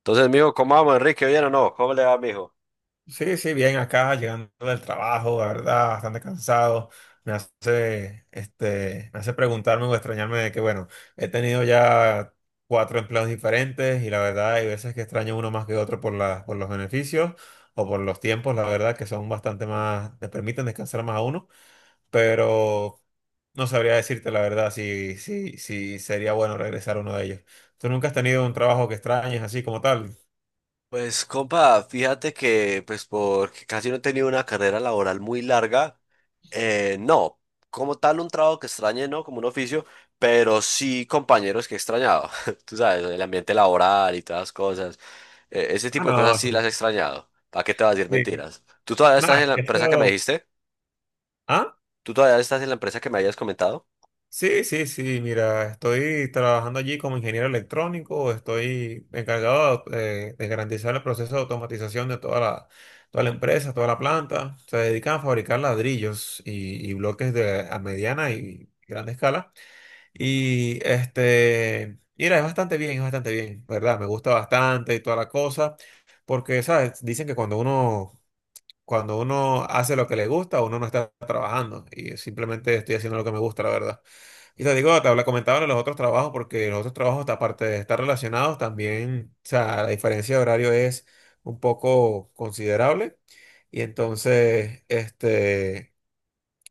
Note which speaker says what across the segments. Speaker 1: Entonces, mijo, ¿cómo vamos, Enrique? ¿Bien o no? ¿Cómo le va, mijo?
Speaker 2: Sí, sí, bien acá, llegando del trabajo, la verdad, bastante cansado. Me hace preguntarme o extrañarme de que, bueno, he tenido ya cuatro empleos diferentes y la verdad hay veces que extraño uno más que otro por los beneficios o por los tiempos, la verdad, que son bastante más, te permiten descansar más a uno, pero no sabría decirte la verdad si sería bueno regresar a uno de ellos. ¿Tú nunca has tenido un trabajo que extrañes así como tal?
Speaker 1: Pues compa, fíjate que pues porque casi no he tenido una carrera laboral muy larga, no, como tal un trabajo que extrañe, ¿no? Como un oficio, pero sí compañeros que he extrañado, tú sabes, el ambiente laboral y todas las cosas, ese
Speaker 2: Ah,
Speaker 1: tipo de cosas
Speaker 2: no,
Speaker 1: sí las
Speaker 2: sí.
Speaker 1: he extrañado, ¿para qué te vas a decir
Speaker 2: Sí.
Speaker 1: mentiras? ¿Tú todavía
Speaker 2: No,
Speaker 1: estás
Speaker 2: es
Speaker 1: en la
Speaker 2: que
Speaker 1: empresa que me
Speaker 2: eso.
Speaker 1: dijiste?
Speaker 2: Ah,
Speaker 1: ¿Tú todavía estás en la empresa que me habías comentado?
Speaker 2: sí, sí, sí, mira, estoy trabajando allí como ingeniero electrónico, estoy encargado de garantizar el proceso de automatización de toda la empresa, toda la planta. Se dedican a fabricar ladrillos y bloques de, a mediana y grande escala. Y mira, es bastante bien, ¿verdad? Me gusta bastante y toda la cosa, porque, ¿sabes? Dicen que cuando uno hace lo que le gusta, uno no está trabajando y simplemente estoy haciendo lo que me gusta, la verdad. Y te digo, comentaba de los otros trabajos, porque los otros trabajos, aparte de estar relacionados, también, o sea, la diferencia de horario es un poco considerable. Y entonces,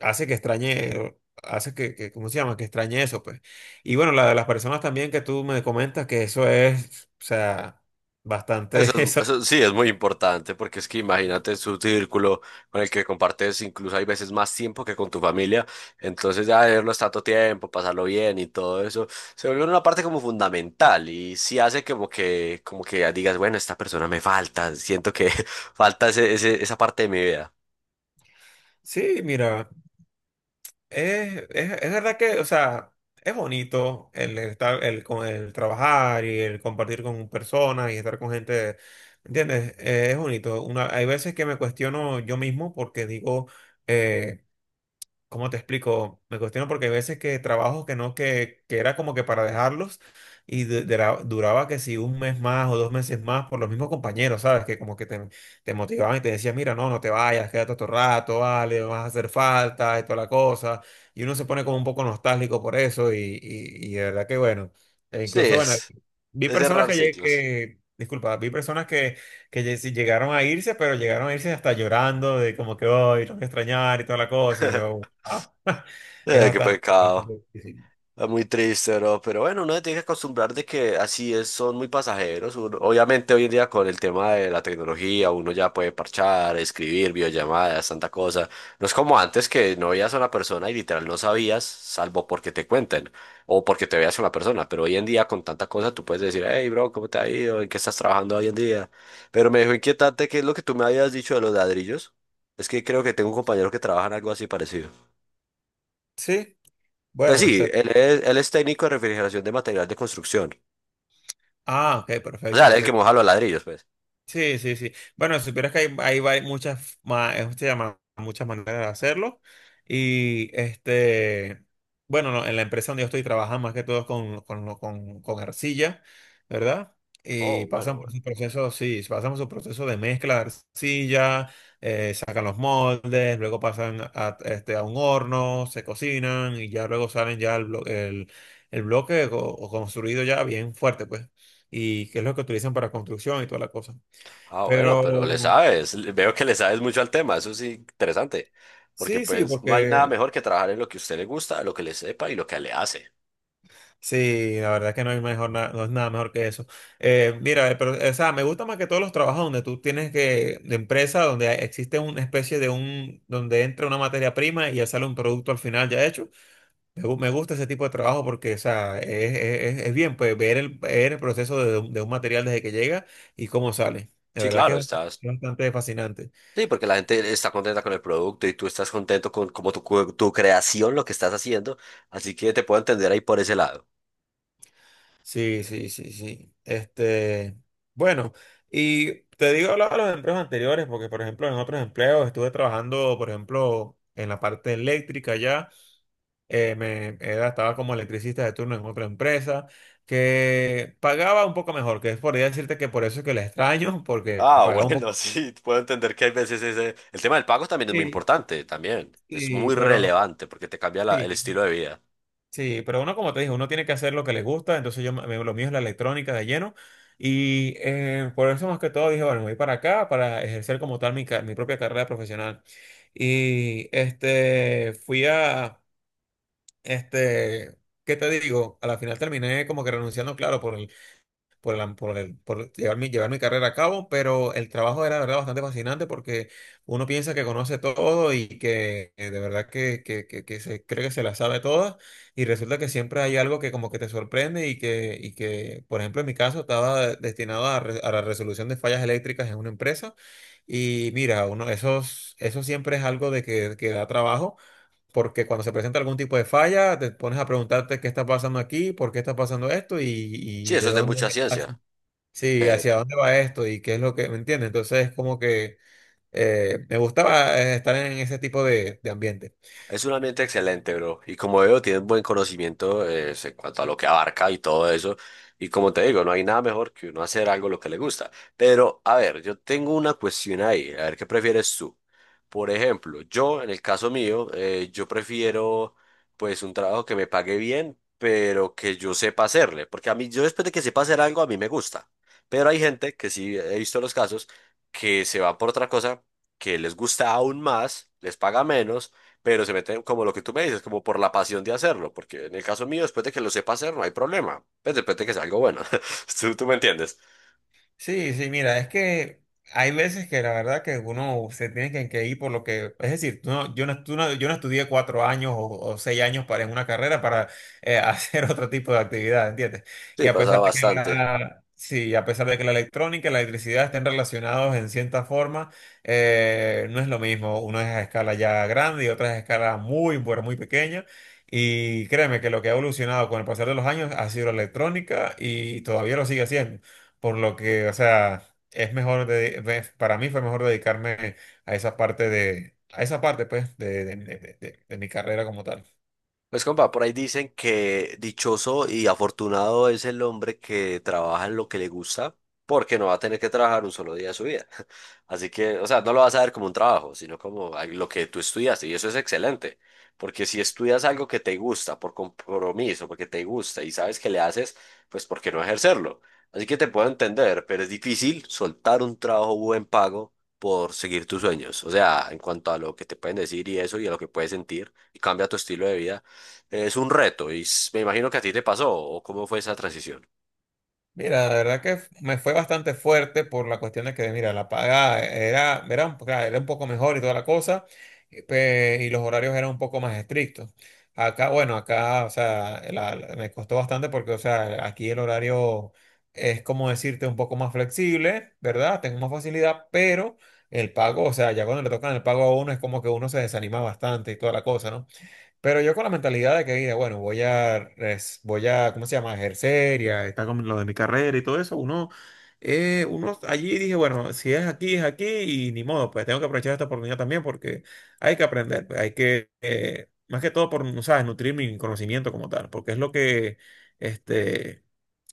Speaker 2: hace que extrañe, hace que, ¿cómo se llama? Que extrañe eso, pues. Y bueno, la de las personas también que tú me comentas, que eso es, o sea, bastante
Speaker 1: Eso,
Speaker 2: eso.
Speaker 1: eso sí es muy importante porque es que imagínate su círculo con el que compartes incluso hay veces más tiempo que con tu familia, entonces ya verlos tanto tiempo, pasarlo bien y todo eso, se vuelve una parte como fundamental y sí hace como que ya digas, bueno, esta persona me falta, siento que falta esa parte de mi vida.
Speaker 2: Sí, mira. Es verdad que, o sea, es bonito el, estar, el, el trabajar y el compartir con personas y estar con gente, ¿entiendes? Es bonito. Hay veces que me cuestiono yo mismo porque digo, eh, ¿Cómo te explico? Me cuestiono porque hay veces que trabajos que no, que era como que para dejarlos y duraba que si un mes más o 2 meses más por los mismos compañeros, ¿sabes? Que como que te motivaban y te decían, mira, no, no te vayas, quédate otro rato, vale, vas a hacer falta y toda la cosa. Y uno se pone como un poco nostálgico por eso y de verdad que bueno. E
Speaker 1: Sí,
Speaker 2: incluso, bueno, vi
Speaker 1: es
Speaker 2: personas
Speaker 1: cerrar
Speaker 2: que, lle-
Speaker 1: ciclos.
Speaker 2: que, disculpa, vi personas que sí llegaron a irse, pero llegaron a irse hasta llorando de como que hoy los voy a extrañar y toda la cosa. Y yo, ah, es
Speaker 1: Qué
Speaker 2: bastante,
Speaker 1: pecado.
Speaker 2: bastante difícil.
Speaker 1: Ah, muy triste, bro, pero bueno, uno se tiene que acostumbrar de que así es, son muy pasajeros. Obviamente hoy en día con el tema de la tecnología, uno ya puede parchar, escribir, videollamadas, tanta cosa. No es como antes que no veías a una persona y literal no sabías, salvo porque te cuenten o porque te veas a una persona. Pero hoy en día con tanta cosa tú puedes decir, hey, bro, ¿cómo te ha ido? ¿En qué estás trabajando hoy en día? Pero me dejó inquietante qué es lo que tú me habías dicho de los ladrillos. Es que creo que tengo un compañero que trabaja en algo así parecido.
Speaker 2: Sí,
Speaker 1: Pues
Speaker 2: bueno,
Speaker 1: sí, él es técnico de refrigeración de material de construcción.
Speaker 2: ah, ok,
Speaker 1: O
Speaker 2: perfecto,
Speaker 1: sea, el que
Speaker 2: perfecto.
Speaker 1: moja los ladrillos, pues.
Speaker 2: Sí, sí, sí. Bueno, si supieras que hay vari- muchas, ma- se llama, muchas maneras de hacerlo. Y bueno, no, en la empresa donde yo estoy trabajando más que todo es con arcilla, ¿verdad?
Speaker 1: Oh,
Speaker 2: Y
Speaker 1: bueno,
Speaker 2: pasan por
Speaker 1: bueno.
Speaker 2: su proceso, sí, pasan por su proceso de mezcla de arcilla, sacan los moldes, luego pasan a un horno, se cocinan y ya luego salen ya el bloque o construido ya bien fuerte, pues y qué es lo que utilizan para construcción y toda la cosa.
Speaker 1: Ah, bueno,
Speaker 2: Pero
Speaker 1: pero le sabes. Veo que le sabes mucho al tema. Eso sí, interesante. Porque
Speaker 2: sí, sí,
Speaker 1: pues no hay nada
Speaker 2: porque
Speaker 1: mejor que trabajar en lo que a usted le gusta, lo que le sepa y lo que le hace.
Speaker 2: sí, la verdad es que no hay mejor, no es nada mejor que eso. Mira, pero, o sea, me gusta más que todos los trabajos donde tú tienes que, de empresa, donde existe una especie de donde entra una materia prima y ya sale un producto al final ya hecho. Me gusta ese tipo de trabajo porque, o sea, es bien, pues, ver el proceso de un material desde que llega y cómo sale. De
Speaker 1: Sí,
Speaker 2: verdad que
Speaker 1: claro,
Speaker 2: es
Speaker 1: estás.
Speaker 2: bastante, bastante fascinante.
Speaker 1: Sí, porque la gente está contenta con el producto y tú estás contento con como tu, tu creación, lo que estás haciendo. Así que te puedo entender ahí por ese lado.
Speaker 2: Sí, sí, sí, sí. Bueno, y te digo hablaba de los empleos anteriores, porque por ejemplo en otros empleos estuve trabajando, por ejemplo, en la parte eléctrica ya, estaba como electricista de turno en otra empresa que pagaba un poco mejor, que es por decirte que por eso es que la extraño, porque
Speaker 1: Ah,
Speaker 2: pagaba un poco.
Speaker 1: bueno, sí, puedo entender que hay veces ese El tema del pago también es muy
Speaker 2: Sí,
Speaker 1: importante, también. Es
Speaker 2: sí,
Speaker 1: muy
Speaker 2: pero
Speaker 1: relevante porque te cambia el
Speaker 2: sí.
Speaker 1: estilo de vida.
Speaker 2: Sí, pero uno, como te dije, uno tiene que hacer lo que le gusta, entonces yo, lo mío es la electrónica de lleno y por eso más que todo dije, bueno, me voy para acá para ejercer como tal mi propia carrera profesional. Y este, fui a, este, ¿qué te digo? A la final terminé como que renunciando, claro, por el, por, la- por el- por llevar mi carrera a cabo, pero el trabajo era de verdad bastante fascinante porque uno piensa que conoce todo y que de verdad que se cree que se la sabe todas y resulta que siempre hay algo que como que te sorprende y y que por ejemplo, en mi caso estaba destinado a la resolución de fallas eléctricas en una empresa y mira, eso siempre es algo de que da trabajo. Porque cuando se presenta algún tipo de falla, te pones a preguntarte qué está pasando aquí, por qué está pasando esto y,
Speaker 1: Sí,
Speaker 2: y
Speaker 1: eso
Speaker 2: de
Speaker 1: es de mucha
Speaker 2: dónde.
Speaker 1: ciencia.
Speaker 2: Sí,
Speaker 1: Eh,
Speaker 2: ¿hacia dónde va esto? ¿Y qué es lo que, me entiendes? Entonces, como que me gustaba estar en ese tipo de ambiente.
Speaker 1: Es un ambiente excelente, bro. Y como veo, tienes buen conocimiento en cuanto a lo que abarca y todo eso. Y como te digo, no hay nada mejor que uno hacer algo lo que le gusta. Pero, a ver, yo tengo una cuestión ahí. A ver, ¿qué prefieres tú? Por ejemplo, yo, en el caso mío, yo prefiero pues un trabajo que me pague bien, pero que yo sepa hacerle. Porque a mí, yo después de que sepa hacer algo, a mí me gusta. Pero hay gente que sí, he visto los casos, que se va por otra cosa que les gusta aún más, les paga menos pero se meten como lo que tú me dices, como por la pasión de hacerlo, porque en el caso mío, después de que lo sepa hacer, no hay problema, pues después de que sea algo bueno, tú me entiendes.
Speaker 2: Sí, sí, mira, es que hay veces que la verdad que uno se tiene que ir por lo que, es decir, tú no- yo, no, tú no- yo no estudié 4 años o 6 años para en una carrera para hacer otro tipo de actividad, ¿entiendes? Y
Speaker 1: Sí,
Speaker 2: a
Speaker 1: pasa
Speaker 2: pesar de que
Speaker 1: bastante.
Speaker 2: la, sí, a pesar de que la electrónica y la electricidad estén relacionados en cierta forma, no es lo mismo. Uno es a escala ya grande y otra es a escala muy, pero muy pequeña. Y créeme que lo que ha evolucionado con el pasar de los años ha sido la electrónica y todavía lo sigue haciendo por lo que, o sea, es mejor, de, ve- para mí fue mejor dedicarme a esa parte, pues, de mi carrera como tal.
Speaker 1: Pues compa, por ahí dicen que dichoso y afortunado es el hombre que trabaja en lo que le gusta porque no va a tener que trabajar un solo día de su vida. Así que, o sea, no lo vas a ver como un trabajo, sino como lo que tú estudiaste y eso es excelente, porque si estudias algo que te gusta por compromiso, porque te gusta y sabes que le haces, pues ¿por qué no ejercerlo? Así que te puedo entender, pero es difícil soltar un trabajo buen pago por seguir tus sueños. O sea, en cuanto a lo que te pueden decir y eso y a lo que puedes sentir y cambia tu estilo de vida. Es un reto y me imagino que a ti te pasó o cómo fue esa transición.
Speaker 2: Mira, la verdad que me fue bastante fuerte por la cuestión de que, mira, la paga era, claro, era un poco mejor y toda la cosa, y los horarios eran un poco más estrictos. Acá, bueno, o sea, me costó bastante porque, o sea, aquí el horario es como decirte un poco más flexible, ¿verdad? Tengo más facilidad, pero el pago, o sea, ya cuando le tocan el pago a uno es como que uno se desanima bastante y toda la cosa, ¿no? Pero yo con la mentalidad de que, mira, bueno, voy a, res- voy a, ¿cómo se llama? Ejercer y a estar con lo de mi carrera y todo eso, uno allí dije, bueno, si es aquí, es aquí y ni modo, pues tengo que aprovechar esta oportunidad también porque hay que aprender, pues, más que todo por, no ¿sabes? Nutrir mi conocimiento como tal, porque este,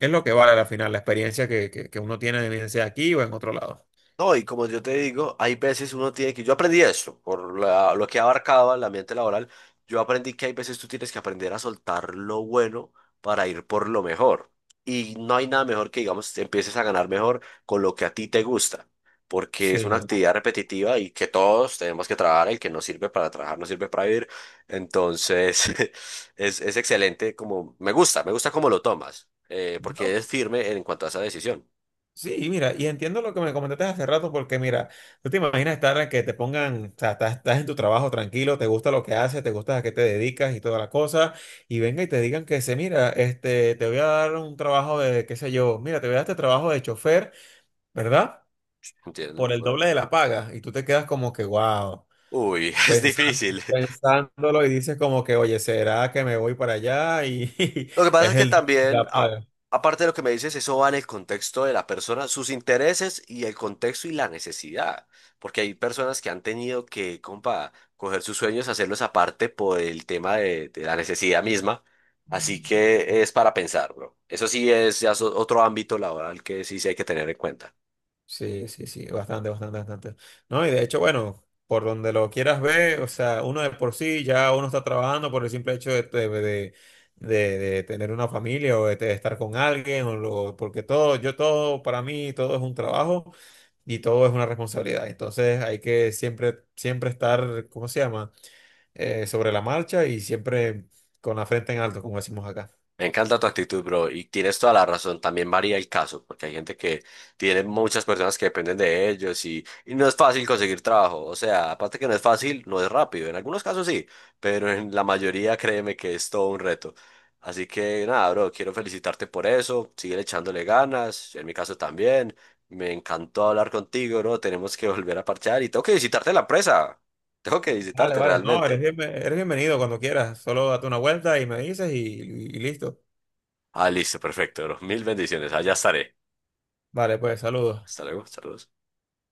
Speaker 2: es lo que vale al final, la experiencia que uno tiene, bien sea aquí o en otro lado.
Speaker 1: No, y como yo te digo, hay veces uno tiene que, yo aprendí eso, por lo que abarcaba el ambiente laboral, yo aprendí que hay veces tú tienes que aprender a soltar lo bueno para ir por lo mejor. Y no hay nada mejor que, digamos, empieces a ganar mejor con lo que a ti te gusta, porque es una
Speaker 2: Sí.
Speaker 1: actividad repetitiva y que todos tenemos que trabajar, el que no sirve para trabajar no sirve para vivir. Entonces, es excelente, como, me gusta cómo lo tomas, porque es firme en cuanto a esa decisión,
Speaker 2: Sí, mira, y entiendo lo que me comentaste hace rato, porque mira, tú te imaginas estar en que te pongan, o sea, estás, en tu trabajo tranquilo, te gusta lo que haces, te gusta a qué te dedicas y toda la cosa, y venga y te digan mira, te voy a dar un trabajo de, qué sé yo, mira, te voy a dar este trabajo de chofer, ¿verdad?
Speaker 1: ¿entiendes?
Speaker 2: Por el doble de la paga, y tú te quedas como que, wow,
Speaker 1: Uy, es
Speaker 2: pensando,
Speaker 1: difícil.
Speaker 2: pensándolo y dices como que, oye, ¿será que me voy para allá? Y
Speaker 1: Lo que pasa
Speaker 2: es
Speaker 1: es que
Speaker 2: el doble de la
Speaker 1: también,
Speaker 2: paga.
Speaker 1: aparte de lo que me dices, eso va en el contexto de la persona, sus intereses y el contexto y la necesidad. Porque hay personas que han tenido que, compa, coger sus sueños, hacerlos aparte por el tema de la necesidad misma. Así que es para pensar, bro. Eso sí es ya otro ámbito laboral que sí se hay que tener en cuenta.
Speaker 2: Sí, sí, sí, bastante, bastante, bastante. No, y de hecho, bueno, por donde lo quieras ver, o sea, uno de por sí ya uno está trabajando por el simple hecho de tener una familia o de estar con alguien, porque todo, yo todo, para mí, todo es un trabajo y todo es una responsabilidad. Entonces hay que siempre, siempre estar, ¿cómo se llama? Sobre la marcha y siempre con la frente en alto, como decimos acá.
Speaker 1: Me encanta tu actitud, bro, y tienes toda la razón. También varía el caso, porque hay gente que tiene muchas personas que dependen de ellos y no es fácil conseguir trabajo. O sea, aparte que no es fácil, no es rápido. En algunos casos sí, pero en la mayoría créeme que es todo un reto. Así que nada, bro, quiero felicitarte por eso. Sigue echándole ganas, en mi caso también. Me encantó hablar contigo, bro. Tenemos que volver a parchar y tengo que visitarte en la presa. Tengo que
Speaker 2: Vale,
Speaker 1: visitarte
Speaker 2: vale, no, eres
Speaker 1: realmente.
Speaker 2: bienve- eres bienvenido cuando quieras. Solo date una vuelta y me dices y listo.
Speaker 1: Ah, listo, perfecto, bro. Mil bendiciones. Allá estaré.
Speaker 2: Vale, pues saludos.
Speaker 1: Hasta luego, saludos.